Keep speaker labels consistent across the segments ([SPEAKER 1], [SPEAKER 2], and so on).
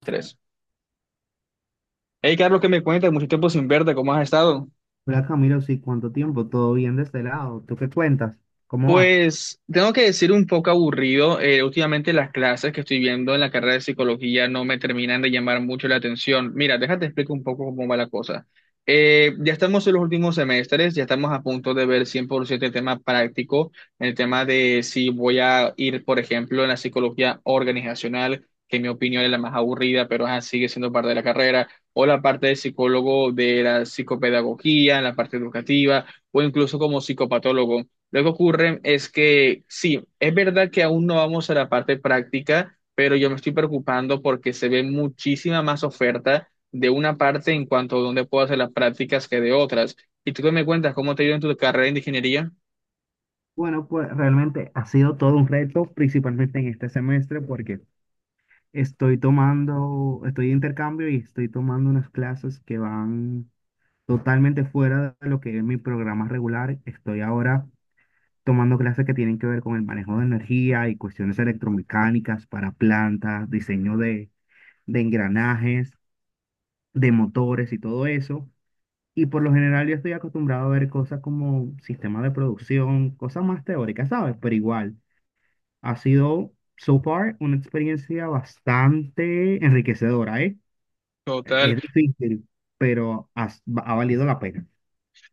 [SPEAKER 1] Tres. Hey, Carlos, ¿qué me cuentas? Mucho tiempo sin verte, ¿cómo has estado?
[SPEAKER 2] Hola Camilo, sí, ¿cuánto tiempo? ¿Todo bien de este lado? ¿Tú qué cuentas? ¿Cómo vas?
[SPEAKER 1] Pues tengo que decir un poco aburrido. Últimamente las clases que estoy viendo en la carrera de psicología no me terminan de llamar mucho la atención. Mira, déjate explico un poco cómo va la cosa. Ya estamos en los últimos semestres, ya estamos a punto de ver 100% el tema práctico, el tema de si voy a ir, por ejemplo, en la psicología organizacional, que en mi opinión es la más aburrida, pero ajá, sigue siendo parte de la carrera, o la parte de psicólogo de la psicopedagogía, la parte educativa, o incluso como psicopatólogo. Lo que ocurre es que sí, es verdad que aún no vamos a la parte práctica, pero yo me estoy preocupando porque se ve muchísima más oferta de una parte en cuanto a dónde puedo hacer las prácticas que de otras. Y tú qué me cuentas, ¿cómo te ha ido en tu carrera de ingeniería?
[SPEAKER 2] Bueno, pues realmente ha sido todo un reto, principalmente en este semestre, porque estoy de intercambio y estoy tomando unas clases que van totalmente fuera de lo que es mi programa regular. Estoy ahora tomando clases que tienen que ver con el manejo de energía y cuestiones electromecánicas para plantas, diseño de engranajes, de motores y todo eso. Y por lo general yo estoy acostumbrado a ver cosas como sistemas de producción, cosas más teóricas, ¿sabes? Pero igual, ha sido, so far, una experiencia bastante enriquecedora, ¿eh?
[SPEAKER 1] Total.
[SPEAKER 2] Es difícil, pero valido la pena.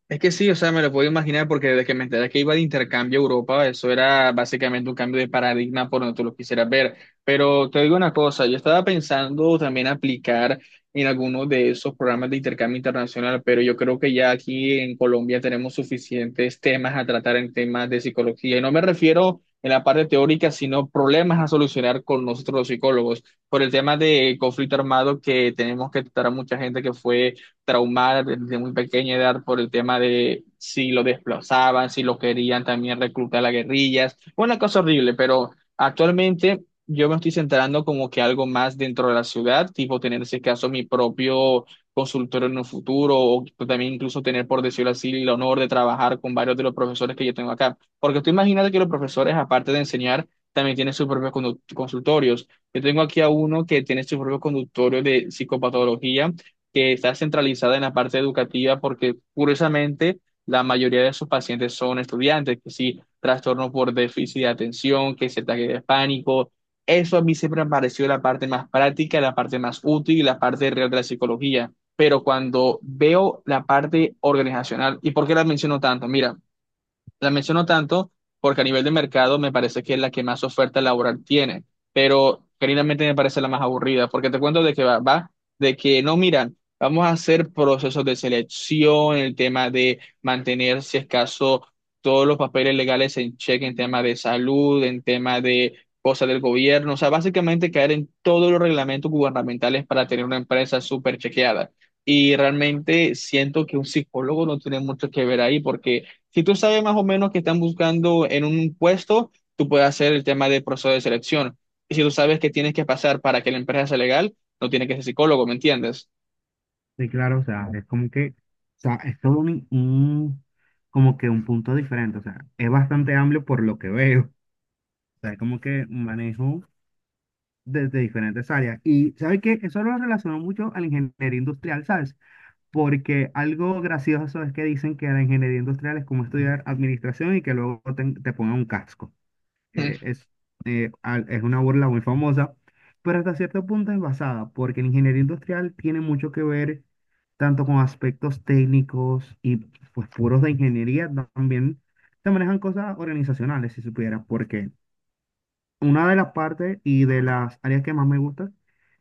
[SPEAKER 1] Es que sí, o sea, me lo puedo imaginar porque desde que me enteré que iba de intercambio a Europa, eso era básicamente un cambio de paradigma por donde tú lo quisieras ver. Pero te digo una cosa, yo estaba pensando también aplicar en alguno de esos programas de intercambio internacional, pero yo creo que ya aquí en Colombia tenemos suficientes temas a tratar en temas de psicología. Y no me refiero en la parte teórica, sino problemas a solucionar con nosotros los psicólogos. Por el tema de conflicto armado que tenemos que tratar a mucha gente que fue traumar desde muy pequeña edad por el tema de si lo desplazaban, si lo querían también reclutar a guerrillas. Una cosa horrible, pero actualmente yo me estoy centrando como que algo más dentro de la ciudad, tipo tener en ese caso mi propio consultorio en un futuro o también incluso tener, por decirlo así, el honor de trabajar con varios de los profesores que yo tengo acá. Porque tú imagínate que los profesores, aparte de enseñar, también tienen sus propios consultorios. Yo tengo aquí a uno que tiene su propio consultorio de psicopatología que está centralizada en la parte educativa porque curiosamente la mayoría de sus pacientes son estudiantes, que sí, trastorno por déficit de atención, que es ataque de pánico. Eso a mí siempre me pareció la parte más práctica, la parte más útil y la parte real de la psicología. Pero cuando veo la parte organizacional, ¿y por qué la menciono tanto? Mira. La menciono tanto porque a nivel de mercado me parece que es la que más oferta laboral tiene, pero genuinamente me parece la más aburrida, porque te cuento de que va, de que no miran, vamos a hacer procesos de selección, el tema de mantener, si es caso, todos los papeles legales en cheque, en tema de salud, en tema de cosas del gobierno, o sea, básicamente caer en todos los reglamentos gubernamentales para tener una empresa súper chequeada. Y realmente siento que un psicólogo no tiene mucho que ver ahí porque si tú sabes más o menos que están buscando en un puesto, tú puedes hacer el tema de proceso de selección. Y si tú sabes que tienes que pasar para que la empresa sea legal, no tienes que ser psicólogo, ¿me entiendes?
[SPEAKER 2] Sí, claro, o sea, es como que, o sea, es todo como que un punto diferente, o sea, es bastante amplio por lo que veo, o sea, es como que manejo desde diferentes áreas. Y, ¿sabes qué? Eso lo relaciono mucho a la ingeniería industrial, ¿sabes? Porque algo gracioso es que dicen que la ingeniería industrial es como estudiar administración y que luego te pongan un casco. Eh, es, es una burla muy famosa, pero hasta cierto punto es basada, porque la ingeniería industrial tiene mucho que ver tanto con aspectos técnicos y pues puros de ingeniería, también se manejan cosas organizacionales, si supieras, porque una de las partes y de las áreas que más me gusta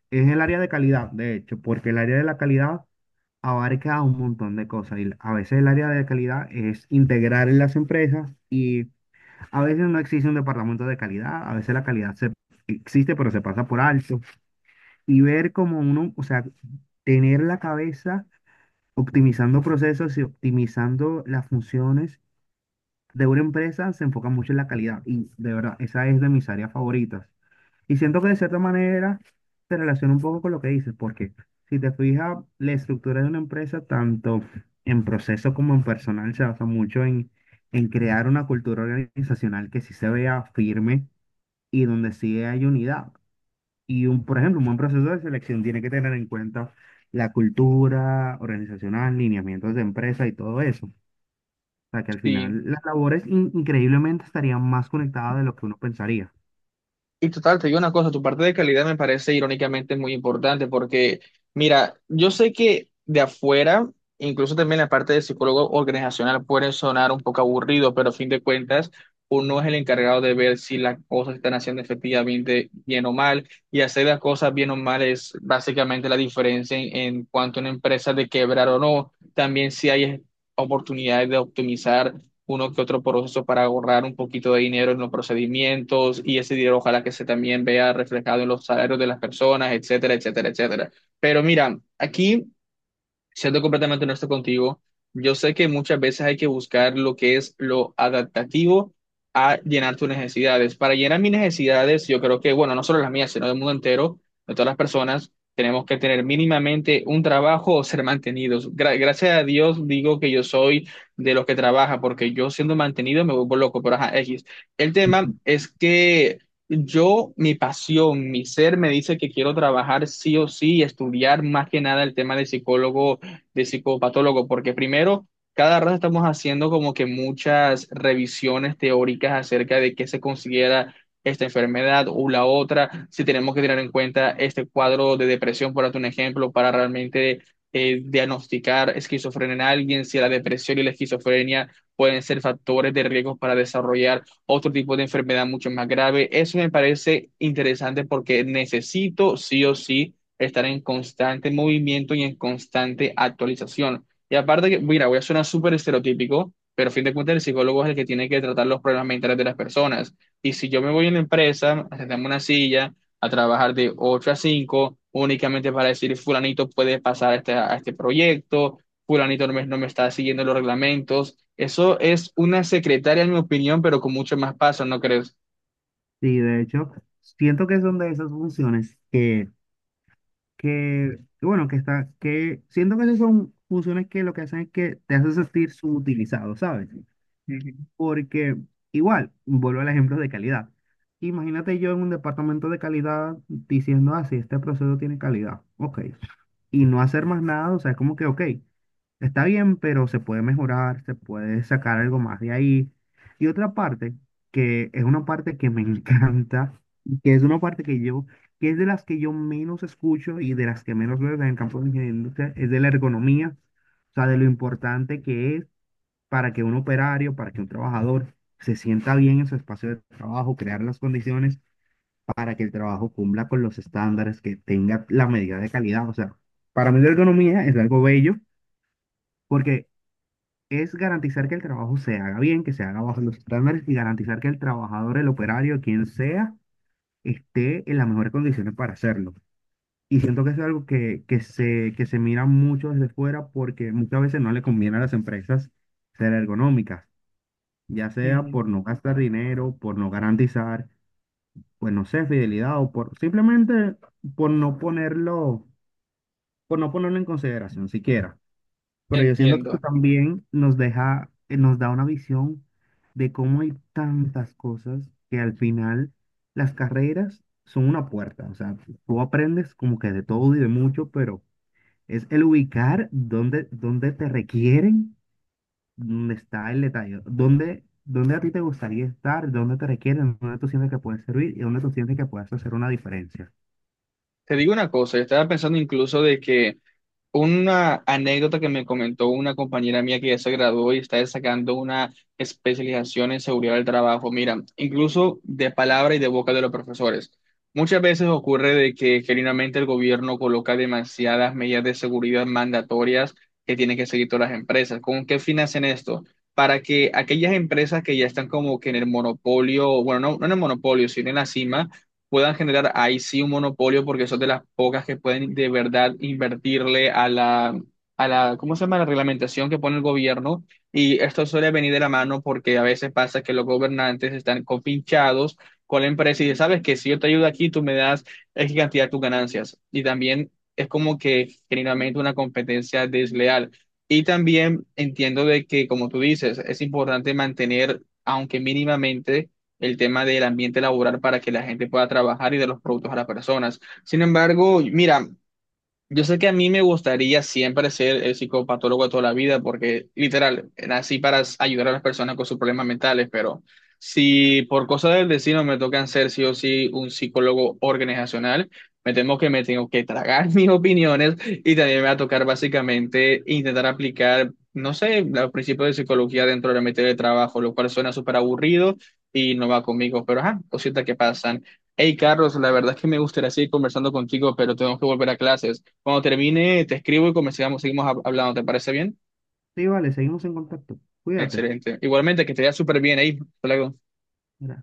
[SPEAKER 2] es el área de calidad, de hecho, porque el área de la calidad abarca un montón de cosas y a veces el área de calidad es integrar en las empresas y a veces no existe un departamento de calidad, a veces existe pero se pasa por alto y ver como uno, o sea, tener la cabeza optimizando procesos y optimizando las funciones de una empresa se enfoca mucho en la calidad y de verdad, esa es de mis áreas favoritas. Y siento que de cierta manera se relaciona un poco con lo que dices, porque si te fijas, la estructura de una empresa, tanto en proceso como en personal, se basa mucho en crear una cultura organizacional que sí se vea firme y donde sí hay unidad. Y por ejemplo, un buen proceso de selección tiene que tener en cuenta la cultura organizacional, lineamientos de empresa y todo eso. O sea, que al
[SPEAKER 1] Sí.
[SPEAKER 2] final las labores increíblemente estarían más conectadas de lo que uno pensaría.
[SPEAKER 1] Y total, te digo una cosa, tu parte de calidad me parece irónicamente muy importante porque, mira, yo sé que de afuera, incluso también la parte de psicólogo organizacional puede sonar un poco aburrido, pero a fin de cuentas, uno es el encargado de ver si las cosas se están haciendo efectivamente bien o mal, y hacer las cosas bien o mal es básicamente la diferencia en cuanto a una empresa de quebrar o no, también si hay oportunidades de optimizar uno que otro proceso para ahorrar un poquito de dinero en los procedimientos y ese dinero ojalá que se también vea reflejado en los salarios de las personas, etcétera, etcétera, etcétera. Pero mira, aquí siendo completamente honesto contigo, yo sé que muchas veces hay que buscar lo que es lo adaptativo a llenar tus necesidades. Para llenar mis necesidades, yo creo que, bueno, no solo las mías, sino del mundo entero, de todas las personas, tenemos que tener mínimamente un trabajo o ser mantenidos. Gracias a Dios digo que yo soy de los que trabaja, porque yo siendo mantenido me vuelvo loco, pero ajá, X. El tema es que... Yo, mi pasión, mi ser me dice que quiero trabajar sí o sí, estudiar más que nada el tema de psicólogo de psicopatólogo, porque primero, cada rato estamos haciendo como que muchas revisiones teóricas acerca de qué se considera esta enfermedad o la otra, si tenemos que tener en cuenta este cuadro de depresión, por darte un ejemplo, para realmente diagnosticar esquizofrenia en alguien, si la depresión y la esquizofrenia pueden ser factores de riesgo para desarrollar otro tipo de enfermedad mucho más grave. Eso me parece interesante porque necesito sí o sí estar en constante movimiento y en constante actualización. Y aparte que, mira, voy a sonar súper estereotípico, pero a fin de cuentas el psicólogo es el que tiene que tratar los problemas mentales de las personas. Y si yo me voy a una empresa, a sentarme en una silla, a trabajar de 8 a 5 únicamente para decir, fulanito puede pasar a este proyecto, fulanito no me está siguiendo los reglamentos, eso es una secretaria, en mi opinión, pero con mucho más paso, ¿no crees?
[SPEAKER 2] Sí, de hecho, siento que son de esas funciones que siento que esas son funciones que lo que hacen es que te hacen sentir subutilizado, ¿sabes?
[SPEAKER 1] Ujú,
[SPEAKER 2] Porque igual, vuelvo al ejemplo de calidad. Imagínate yo en un departamento de calidad diciendo, ah, sí, este proceso tiene calidad. Ok. Y no hacer más nada, o sea, es como que, ok, está bien, pero se puede mejorar, se puede sacar algo más de ahí. Y otra parte, que es una parte que me encanta, y que es una parte que es de las que yo menos escucho y de las que menos veo en el campo de la ingeniería industrial, es de la ergonomía, o sea, de lo importante que es para que un operario, para que un trabajador se sienta bien en su espacio de trabajo, crear las condiciones para que el trabajo cumpla con los estándares, que tenga la medida de calidad. O sea, para mí la ergonomía es algo bello porque es garantizar que el trabajo se haga bien, que se haga bajo los estándares y garantizar que el trabajador, el operario, quien sea, esté en las mejores condiciones para hacerlo. Y siento que eso es algo que se mira mucho desde fuera porque muchas veces no le conviene a las empresas ser ergonómicas, ya sea
[SPEAKER 1] ujú.
[SPEAKER 2] por no gastar dinero, por no garantizar, pues no sé, fidelidad o por simplemente por no ponerlo, por no ponerlo en consideración siquiera. Pero yo siento que esto
[SPEAKER 1] Entiendo.
[SPEAKER 2] también nos da una visión de cómo hay tantas cosas que al final las carreras son una puerta. O sea, tú aprendes como que de todo y de mucho, pero es el ubicar dónde te requieren. ¿Dónde está el detalle? ¿ Dónde a ti te gustaría estar? ¿Dónde te requieren? ¿Dónde tú sientes que puedes servir? ¿Y dónde tú sientes que puedes hacer una diferencia?
[SPEAKER 1] Te digo una cosa, yo estaba pensando incluso de que una anécdota que me comentó una compañera mía que ya se graduó y está sacando una especialización en seguridad del trabajo. Mira, incluso de palabra y de boca de los profesores. Muchas veces ocurre de que genuinamente el gobierno coloca demasiadas medidas de seguridad mandatorias que tienen que seguir todas las empresas. ¿Con qué fin hacen esto? Para que aquellas empresas que ya están como que en el monopolio, bueno, no en el monopolio, sino en la cima puedan generar ahí sí un monopolio porque son de las pocas que pueden de verdad invertirle a la, ¿cómo se llama? La reglamentación que pone el gobierno. Y esto suele venir de la mano porque a veces pasa que los gobernantes están compinchados con la empresa y dicen, sabes que si yo te ayudo aquí, tú me das X cantidad de tus ganancias. Y también es como que generalmente una competencia desleal. Y también entiendo de que, como tú dices, es importante mantener, aunque mínimamente, el tema del ambiente laboral para que la gente pueda trabajar y de los productos a las personas. Sin embargo, mira, yo sé que a mí me gustaría siempre ser el psicopatólogo de toda la vida, porque literal, nací para ayudar a las personas con sus problemas mentales, pero si por cosas del destino me tocan ser sí o sí un psicólogo organizacional, me temo que me tengo que tragar mis opiniones y también me va a tocar básicamente intentar aplicar, no sé, los principios de psicología dentro de la materia de trabajo, lo cual suena súper aburrido y no va conmigo, pero ajá, cositas que pasan. Hey Carlos, la verdad es que me gustaría seguir conversando contigo, pero tengo que volver a clases. Cuando termine, te escribo y comenzamos, seguimos hablando. ¿Te parece bien?
[SPEAKER 2] Sí, vale, seguimos en contacto. Cuídate.
[SPEAKER 1] Excelente. Igualmente, que te vea súper bien ahí. Hasta luego.
[SPEAKER 2] Mira.